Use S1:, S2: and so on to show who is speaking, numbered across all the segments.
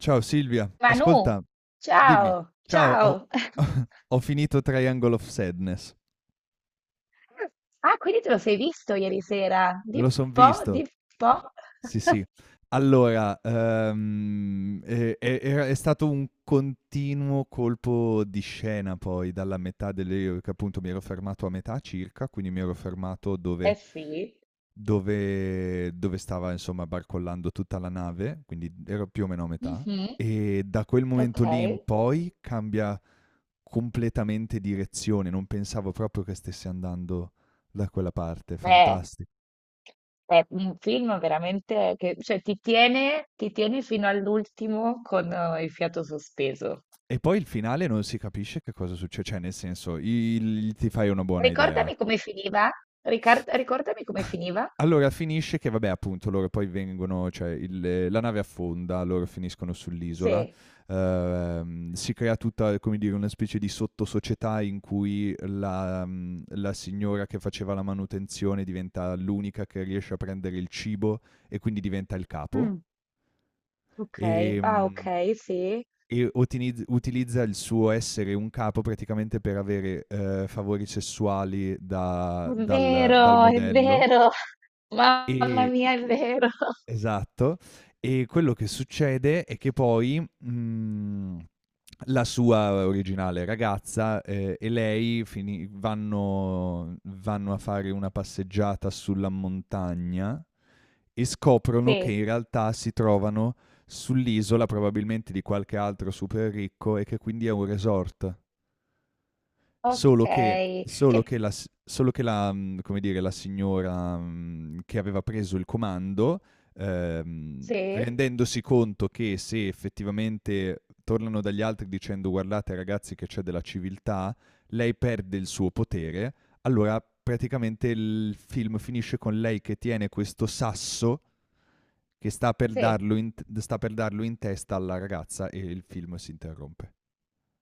S1: Ciao Silvia,
S2: Manu,
S1: ascolta, dimmi,
S2: ciao,
S1: ciao,
S2: ciao.
S1: ho finito Triangle of Sadness,
S2: Ah, quindi te lo sei visto ieri sera?
S1: me
S2: Dimmi
S1: lo son
S2: un po',
S1: visto,
S2: dimmi un po'.
S1: sì, sì. Allora, è stato un continuo colpo di scena poi dalla metà delle, che appunto mi ero fermato a metà circa, quindi mi ero fermato
S2: Eh
S1: dove,
S2: sì.
S1: dove, dove stava insomma barcollando tutta la nave, quindi ero più o meno a metà,
S2: Mhm,
S1: e da quel momento
S2: ok.
S1: lì in poi cambia completamente direzione, non pensavo proprio che stesse andando da quella parte,
S2: Eh,
S1: fantastico.
S2: è un film veramente che, ti tiene fino all'ultimo con il fiato sospeso.
S1: E poi il finale non si capisce che cosa succede, cioè nel senso, ti fai una buona idea.
S2: Ricordami come finiva? Ricordami come finiva?
S1: Allora finisce che vabbè appunto loro poi vengono, cioè la nave affonda, loro finiscono sull'isola,
S2: Sì.
S1: si crea tutta come dire una specie di sottosocietà in cui la signora che faceva la manutenzione diventa l'unica che riesce a prendere il cibo e quindi diventa il capo.
S2: Mm, ok. Ah,
S1: Ehm,
S2: ok, sì.
S1: e utilizza il suo essere un capo praticamente per avere, favori sessuali
S2: È
S1: da dal dal
S2: vero, è
S1: modello
S2: vero. Mamma
S1: e.
S2: mia, è vero.
S1: Esatto. E quello che succede è che poi, la sua originale ragazza, e lei fini vanno a fare una passeggiata sulla montagna e scoprono che
S2: Sì.
S1: in realtà si trovano sull'isola probabilmente di qualche altro super ricco e che quindi è un resort. Solo che
S2: Okay,
S1: solo
S2: che
S1: che la come dire, la signora, che aveva preso il comando,
S2: sì,
S1: rendendosi conto che se effettivamente tornano dagli altri dicendo: "Guardate ragazzi che c'è della civiltà", lei perde il suo potere, allora praticamente il film finisce con lei che tiene questo sasso che sta per
S2: sì.
S1: darlo in t sta per darlo in testa alla ragazza e il film si interrompe.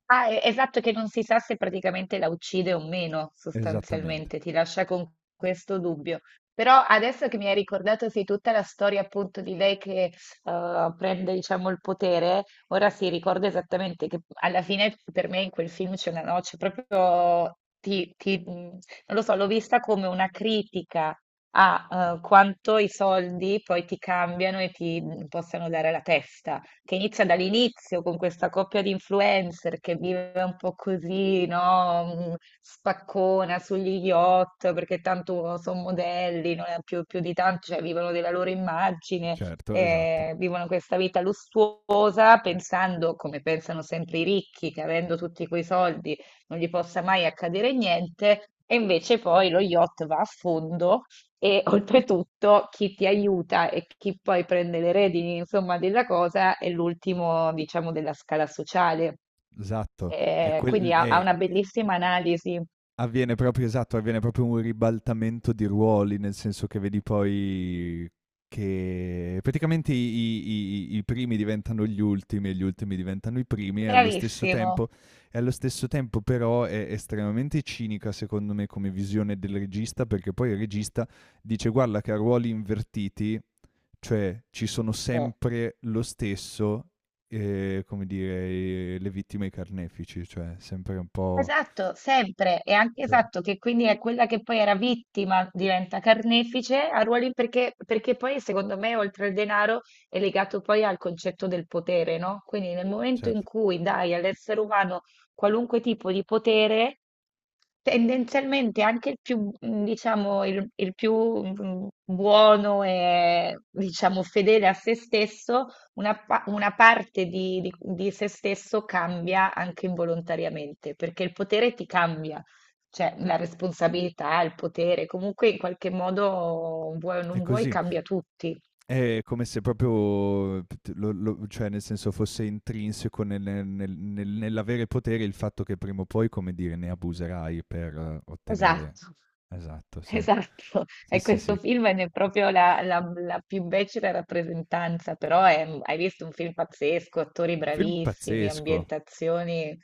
S2: Ah, e esatto, che non si sa se praticamente la uccide o meno,
S1: Esattamente.
S2: sostanzialmente, ti lascia con questo dubbio. Però adesso che mi hai ricordato, sì, tutta la storia appunto di lei che, prende diciamo il potere, ora sì, ricordo esattamente che alla fine per me in quel film c'è una noce proprio non lo so, l'ho vista come una critica a, quanto i soldi poi ti cambiano e ti possano dare la testa. Che inizia dall'inizio con questa coppia di influencer che vive un po' così, no? Mm, spaccona sugli yacht perché tanto sono modelli, non è più, più di tanto, cioè vivono della loro immagine,
S1: Certo, esatto.
S2: vivono questa vita lussuosa pensando, come pensano sempre i ricchi, che avendo tutti quei soldi non gli possa mai accadere niente. E invece poi lo yacht va a fondo e oltretutto chi ti aiuta e chi poi prende le redini, insomma, della cosa è l'ultimo, diciamo, della scala sociale.
S1: Esatto, è
S2: Quindi
S1: quel
S2: ha, ha
S1: è
S2: una bellissima analisi.
S1: avviene proprio un ribaltamento di ruoli, nel senso che vedi poi che praticamente i primi diventano gli ultimi e gli ultimi diventano i primi e allo stesso
S2: Bravissimo.
S1: tempo e allo stesso tempo però è estremamente cinica, secondo me, come visione del regista, perché poi il regista dice: "Guarda che a ruoli invertiti." Cioè ci sono
S2: Sì.
S1: sempre lo stesso, come dire, le vittime e i carnefici, cioè sempre un po'.
S2: Esatto, sempre. E anche
S1: Sì.
S2: esatto, che quindi è quella che poi era vittima, diventa carnefice a ruoli perché, perché poi secondo me oltre al denaro è legato poi al concetto del potere, no? Quindi nel momento in
S1: Certo,
S2: cui dai all'essere umano qualunque tipo di potere, tendenzialmente anche il più diciamo, il più buono e diciamo fedele a se stesso una, una parte di, di se stesso cambia anche involontariamente, perché il potere ti cambia, cioè la responsabilità, il potere, comunque in qualche modo vuoi o
S1: è
S2: non vuoi
S1: così.
S2: cambia tutti.
S1: È come se proprio, cioè nel senso fosse intrinseco nell'avere potere il fatto che prima o poi, come dire, ne abuserai per ottenere.
S2: Esatto.
S1: Esatto, sì.
S2: Esatto,
S1: Sì,
S2: e
S1: sì,
S2: questo
S1: sì.
S2: film è proprio la, la più becera rappresentanza, però hai visto un film pazzesco, attori
S1: Film
S2: bravissimi,
S1: pazzesco.
S2: ambientazioni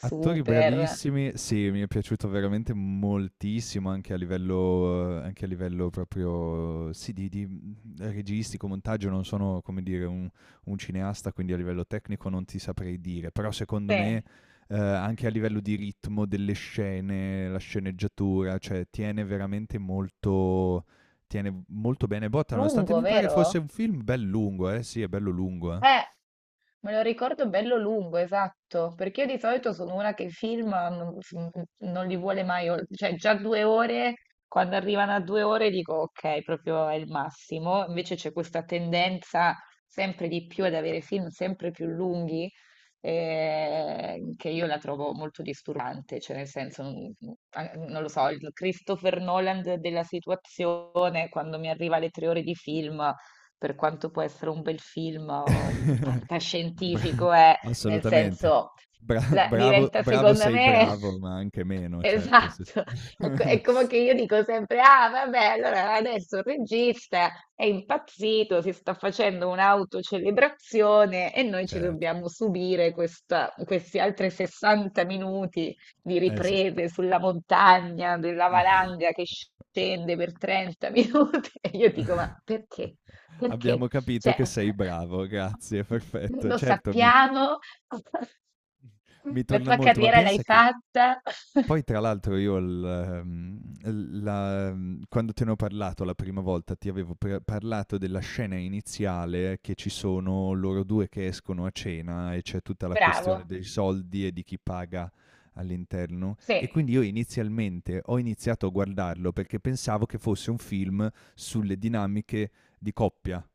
S1: Attori bravissimi, sì, mi è piaciuto veramente moltissimo anche a livello proprio, sì, di registico, montaggio, non sono, come dire, un cineasta, quindi a livello tecnico non ti saprei dire, però secondo me,
S2: Sì,
S1: anche a livello di ritmo delle scene, la sceneggiatura, cioè tiene molto bene botta, nonostante
S2: lungo,
S1: mi pare
S2: vero?
S1: fosse un film bel lungo, sì, è bello lungo, eh.
S2: Eh. Me lo ricordo bello lungo, esatto, perché io di solito sono una che i film non, non li vuole mai, cioè già due ore, quando arrivano a due ore dico ok, proprio è il massimo, invece c'è questa tendenza sempre di più ad avere film sempre più lunghi, che io la trovo molto disturbante, cioè nel senso, non, a- non lo so, il Christopher Nolan della situazione, quando mi arriva alle tre ore di film, per quanto può essere un bel film o un
S1: Bra
S2: fantascientifico, è nel
S1: assolutamente.
S2: senso,
S1: Bra bravo
S2: diventa
S1: bravo
S2: secondo
S1: sei
S2: me
S1: bravo, ma anche meno, certo, sì, sì.
S2: esatto. È, è come che io dico sempre: Ah, vabbè, allora adesso il regista è impazzito, si sta facendo un'autocelebrazione e noi ci
S1: Certo,
S2: dobbiamo subire questi altri 60 minuti di
S1: eh sì.
S2: riprese sulla montagna, della valanga che scende per 30 minuti. E io dico: Ma perché? Perché?
S1: Abbiamo capito
S2: Cioè
S1: che sei bravo, grazie, perfetto.
S2: lo
S1: Certo, mi
S2: sappiamo,
S1: mi
S2: la
S1: torna
S2: tua
S1: molto, ma
S2: carriera l'hai
S1: pensa che
S2: fatta,
S1: poi tra l'altro quando te ne ho parlato la prima volta ti avevo parlato della scena iniziale che ci sono loro due che escono a cena e c'è tutta la questione
S2: bravo,
S1: dei soldi e di chi paga all'interno
S2: sì.
S1: e quindi io inizialmente ho iniziato a guardarlo perché pensavo che fosse un film sulle dinamiche di coppia.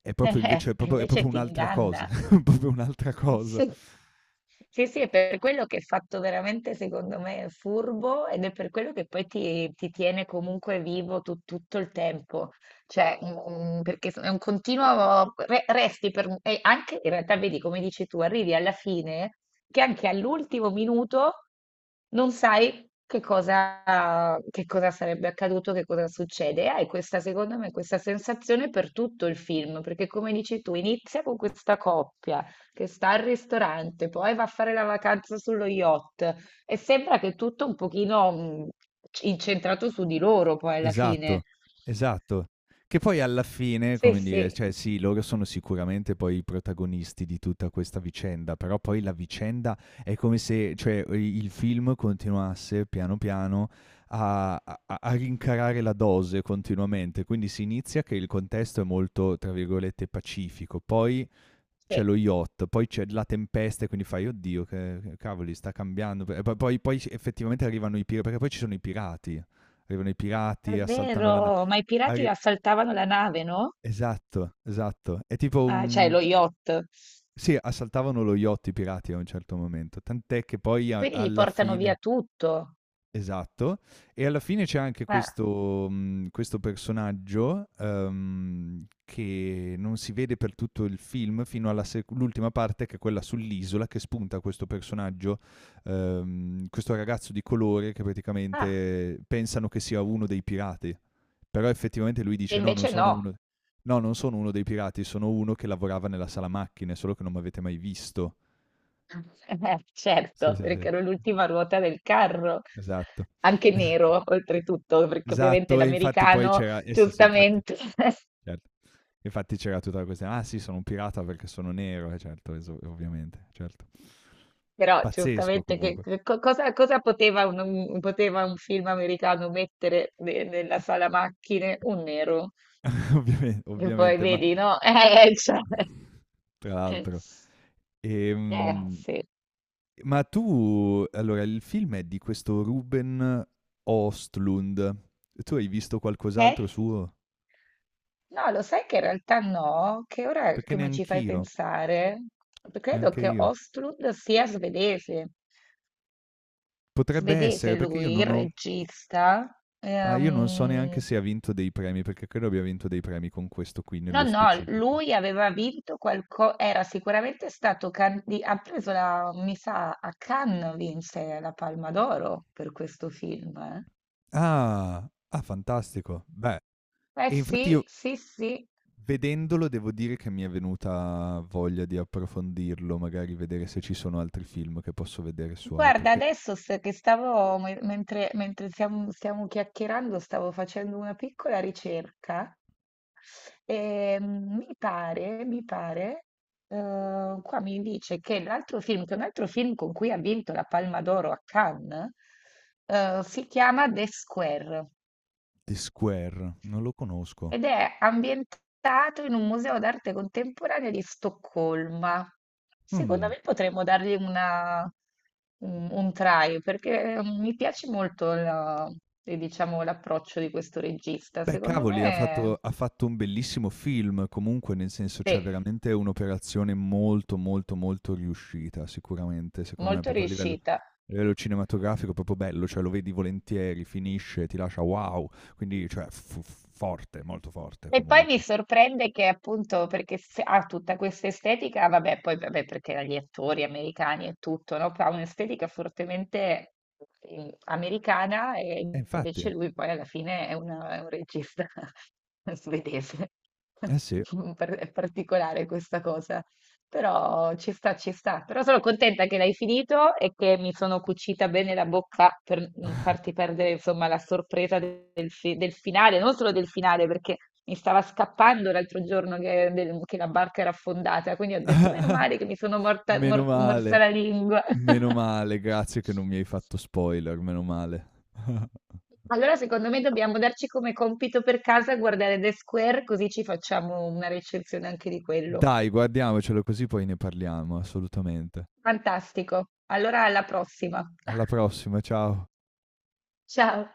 S1: È proprio invece è
S2: E
S1: proprio, è
S2: invece
S1: proprio
S2: ti
S1: un'altra cosa,
S2: inganna.
S1: è proprio un'altra cosa.
S2: Sì. Sì, sì, è per quello che è fatto veramente, secondo me, furbo ed è per quello che poi ti tiene comunque vivo tutto il tempo. Cioè, mm, mm, perché è un continuo, resti per, e anche in realtà vedi, come dici tu, arrivi alla fine che anche all'ultimo minuto non sai che cosa sarebbe accaduto, che cosa succede. E hai questa, secondo me, questa sensazione per tutto il film, perché come dici tu, inizia con questa coppia che sta al ristorante, poi va a fare la vacanza sullo yacht e sembra che tutto un pochino incentrato su di loro poi alla fine.
S1: Esatto, esatto. Che poi alla fine,
S2: Sì,
S1: come dire,
S2: sì,
S1: cioè sì, loro sono sicuramente poi i protagonisti di tutta questa vicenda, però poi la vicenda è come se, cioè, i il film continuasse piano piano a rincarare la dose continuamente. Quindi si inizia che il contesto è molto, tra virgolette, "pacifico", poi c'è
S2: sì,
S1: lo yacht, poi c'è la tempesta e quindi fai, oddio, che cavoli, sta cambiando. E poi effettivamente arrivano i pirati, perché poi ci sono i pirati. Arrivano i
S2: è
S1: pirati, assaltano la nave.
S2: vero, ma i pirati
S1: Arri-
S2: assaltavano la nave, no?
S1: Esatto, esatto. È tipo
S2: Ah, cioè
S1: un.
S2: lo yacht,
S1: Sì, assaltavano lo yacht i pirati a un certo momento, tant'è che poi
S2: quindi gli
S1: alla
S2: portano via
S1: fine.
S2: tutto.
S1: Esatto, e alla fine c'è anche
S2: Ah,
S1: questo personaggio che non si vede per tutto il film fino all'ultima parte che è quella sull'isola che spunta questo personaggio, questo ragazzo di colore che
S2: ah,
S1: praticamente pensano che sia uno dei pirati, però effettivamente lui
S2: e
S1: dice no, non
S2: invece
S1: sono
S2: no.
S1: uno, no, non sono uno dei pirati, sono uno che lavorava nella sala macchine, solo che non mi avete mai visto. Sì,
S2: Certo,
S1: sì, sì, sì,
S2: perché ero l'ultima ruota del carro,
S1: esatto.
S2: anche nero oltretutto, perché ovviamente
S1: Esatto, e infatti poi
S2: l'americano
S1: c'era eh sì, sì, infatti,
S2: giustamente.
S1: certo. Infatti c'era tutta la questione: "Ah sì, sono un pirata perché sono nero", eh certo, eso ovviamente, certo.
S2: Però
S1: Pazzesco
S2: giustamente che,
S1: comunque,
S2: cosa, cosa poteva poteva un film americano mettere nella sala macchine? Un nero. E poi
S1: ovviamente, ma
S2: vedi, no? Cioè.
S1: tra l'altro. Ehm,
S2: Sì.
S1: ma tu allora il film è di questo Ruben Östlund. Tu hai visto
S2: Eh,
S1: qualcos'altro suo?
S2: no, lo sai che in realtà no, che ora
S1: Perché
S2: che mi ci fai pensare, credo
S1: neanche
S2: che
S1: io.
S2: Ostrud sia svedese.
S1: Potrebbe
S2: Svedese
S1: essere, perché io
S2: lui, il
S1: non ho.
S2: regista.
S1: Ah, io non so neanche
S2: Ehm,
S1: se ha vinto dei premi, perché credo abbia vinto dei premi con questo qui
S2: No,
S1: nello
S2: no,
S1: specifico.
S2: lui aveva vinto qualcosa, era sicuramente stato, ha preso la, mi sa, a Cannes vinse la Palma d'Oro per questo film. Eh.
S1: Ah, ah, fantastico. Beh,
S2: Eh
S1: e infatti
S2: sì,
S1: io
S2: sì, sì,
S1: vedendolo devo dire che mi è venuta voglia di approfondirlo, magari vedere se ci sono altri film che posso vedere suoi,
S2: guarda,
S1: perché
S2: adesso che stavo, mentre, mentre stiamo, stiamo chiacchierando, stavo facendo una piccola ricerca e mm, mi pare, qua mi dice che l'altro film, che un altro film con cui ha vinto la Palma d'Oro a Cannes, si chiama The Square
S1: The Square non lo conosco.
S2: ed è ambientato in un museo d'arte contemporanea di Stoccolma. Secondo
S1: Mm.
S2: me potremmo dargli un try perché mm, mi piace molto diciamo, l'approccio di questo regista.
S1: Beh,
S2: Secondo
S1: cavoli, ha fatto
S2: me
S1: ha fatto un bellissimo film comunque, nel senso,
S2: è
S1: cioè veramente un'operazione molto, molto, molto riuscita sicuramente, secondo me,
S2: molto
S1: proprio a livello
S2: riuscita.
S1: cinematografico proprio bello, cioè lo vedi volentieri, finisce, ti lascia wow, quindi cioè f f forte, molto forte
S2: E poi mi
S1: comunque.
S2: sorprende che appunto perché ha tutta questa estetica, vabbè, poi vabbè, perché gli attori americani e tutto, no? Ha un'estetica fortemente americana e
S1: Infatti,
S2: invece lui poi alla fine è, è un regista svedese.
S1: eh sì.
S2: È particolare questa cosa. Però ci sta, ci sta. Però sono contenta che l'hai finito e che mi sono cucita bene la bocca per non farti perdere, insomma, la sorpresa del, del finale, non solo del finale, perché mi stava scappando l'altro giorno che, che la barca era affondata, quindi ho detto, meno male che mi sono morta,
S1: Meno
S2: morsa
S1: male,
S2: la lingua.
S1: meno male, grazie che non mi hai fatto spoiler, meno male.
S2: Allora, secondo me dobbiamo darci come compito per casa guardare The Square, così ci facciamo una recensione anche di quello.
S1: Dai, guardiamocelo così poi ne parliamo, assolutamente.
S2: Fantastico. Allora, alla prossima.
S1: Alla prossima, ciao.
S2: Ciao.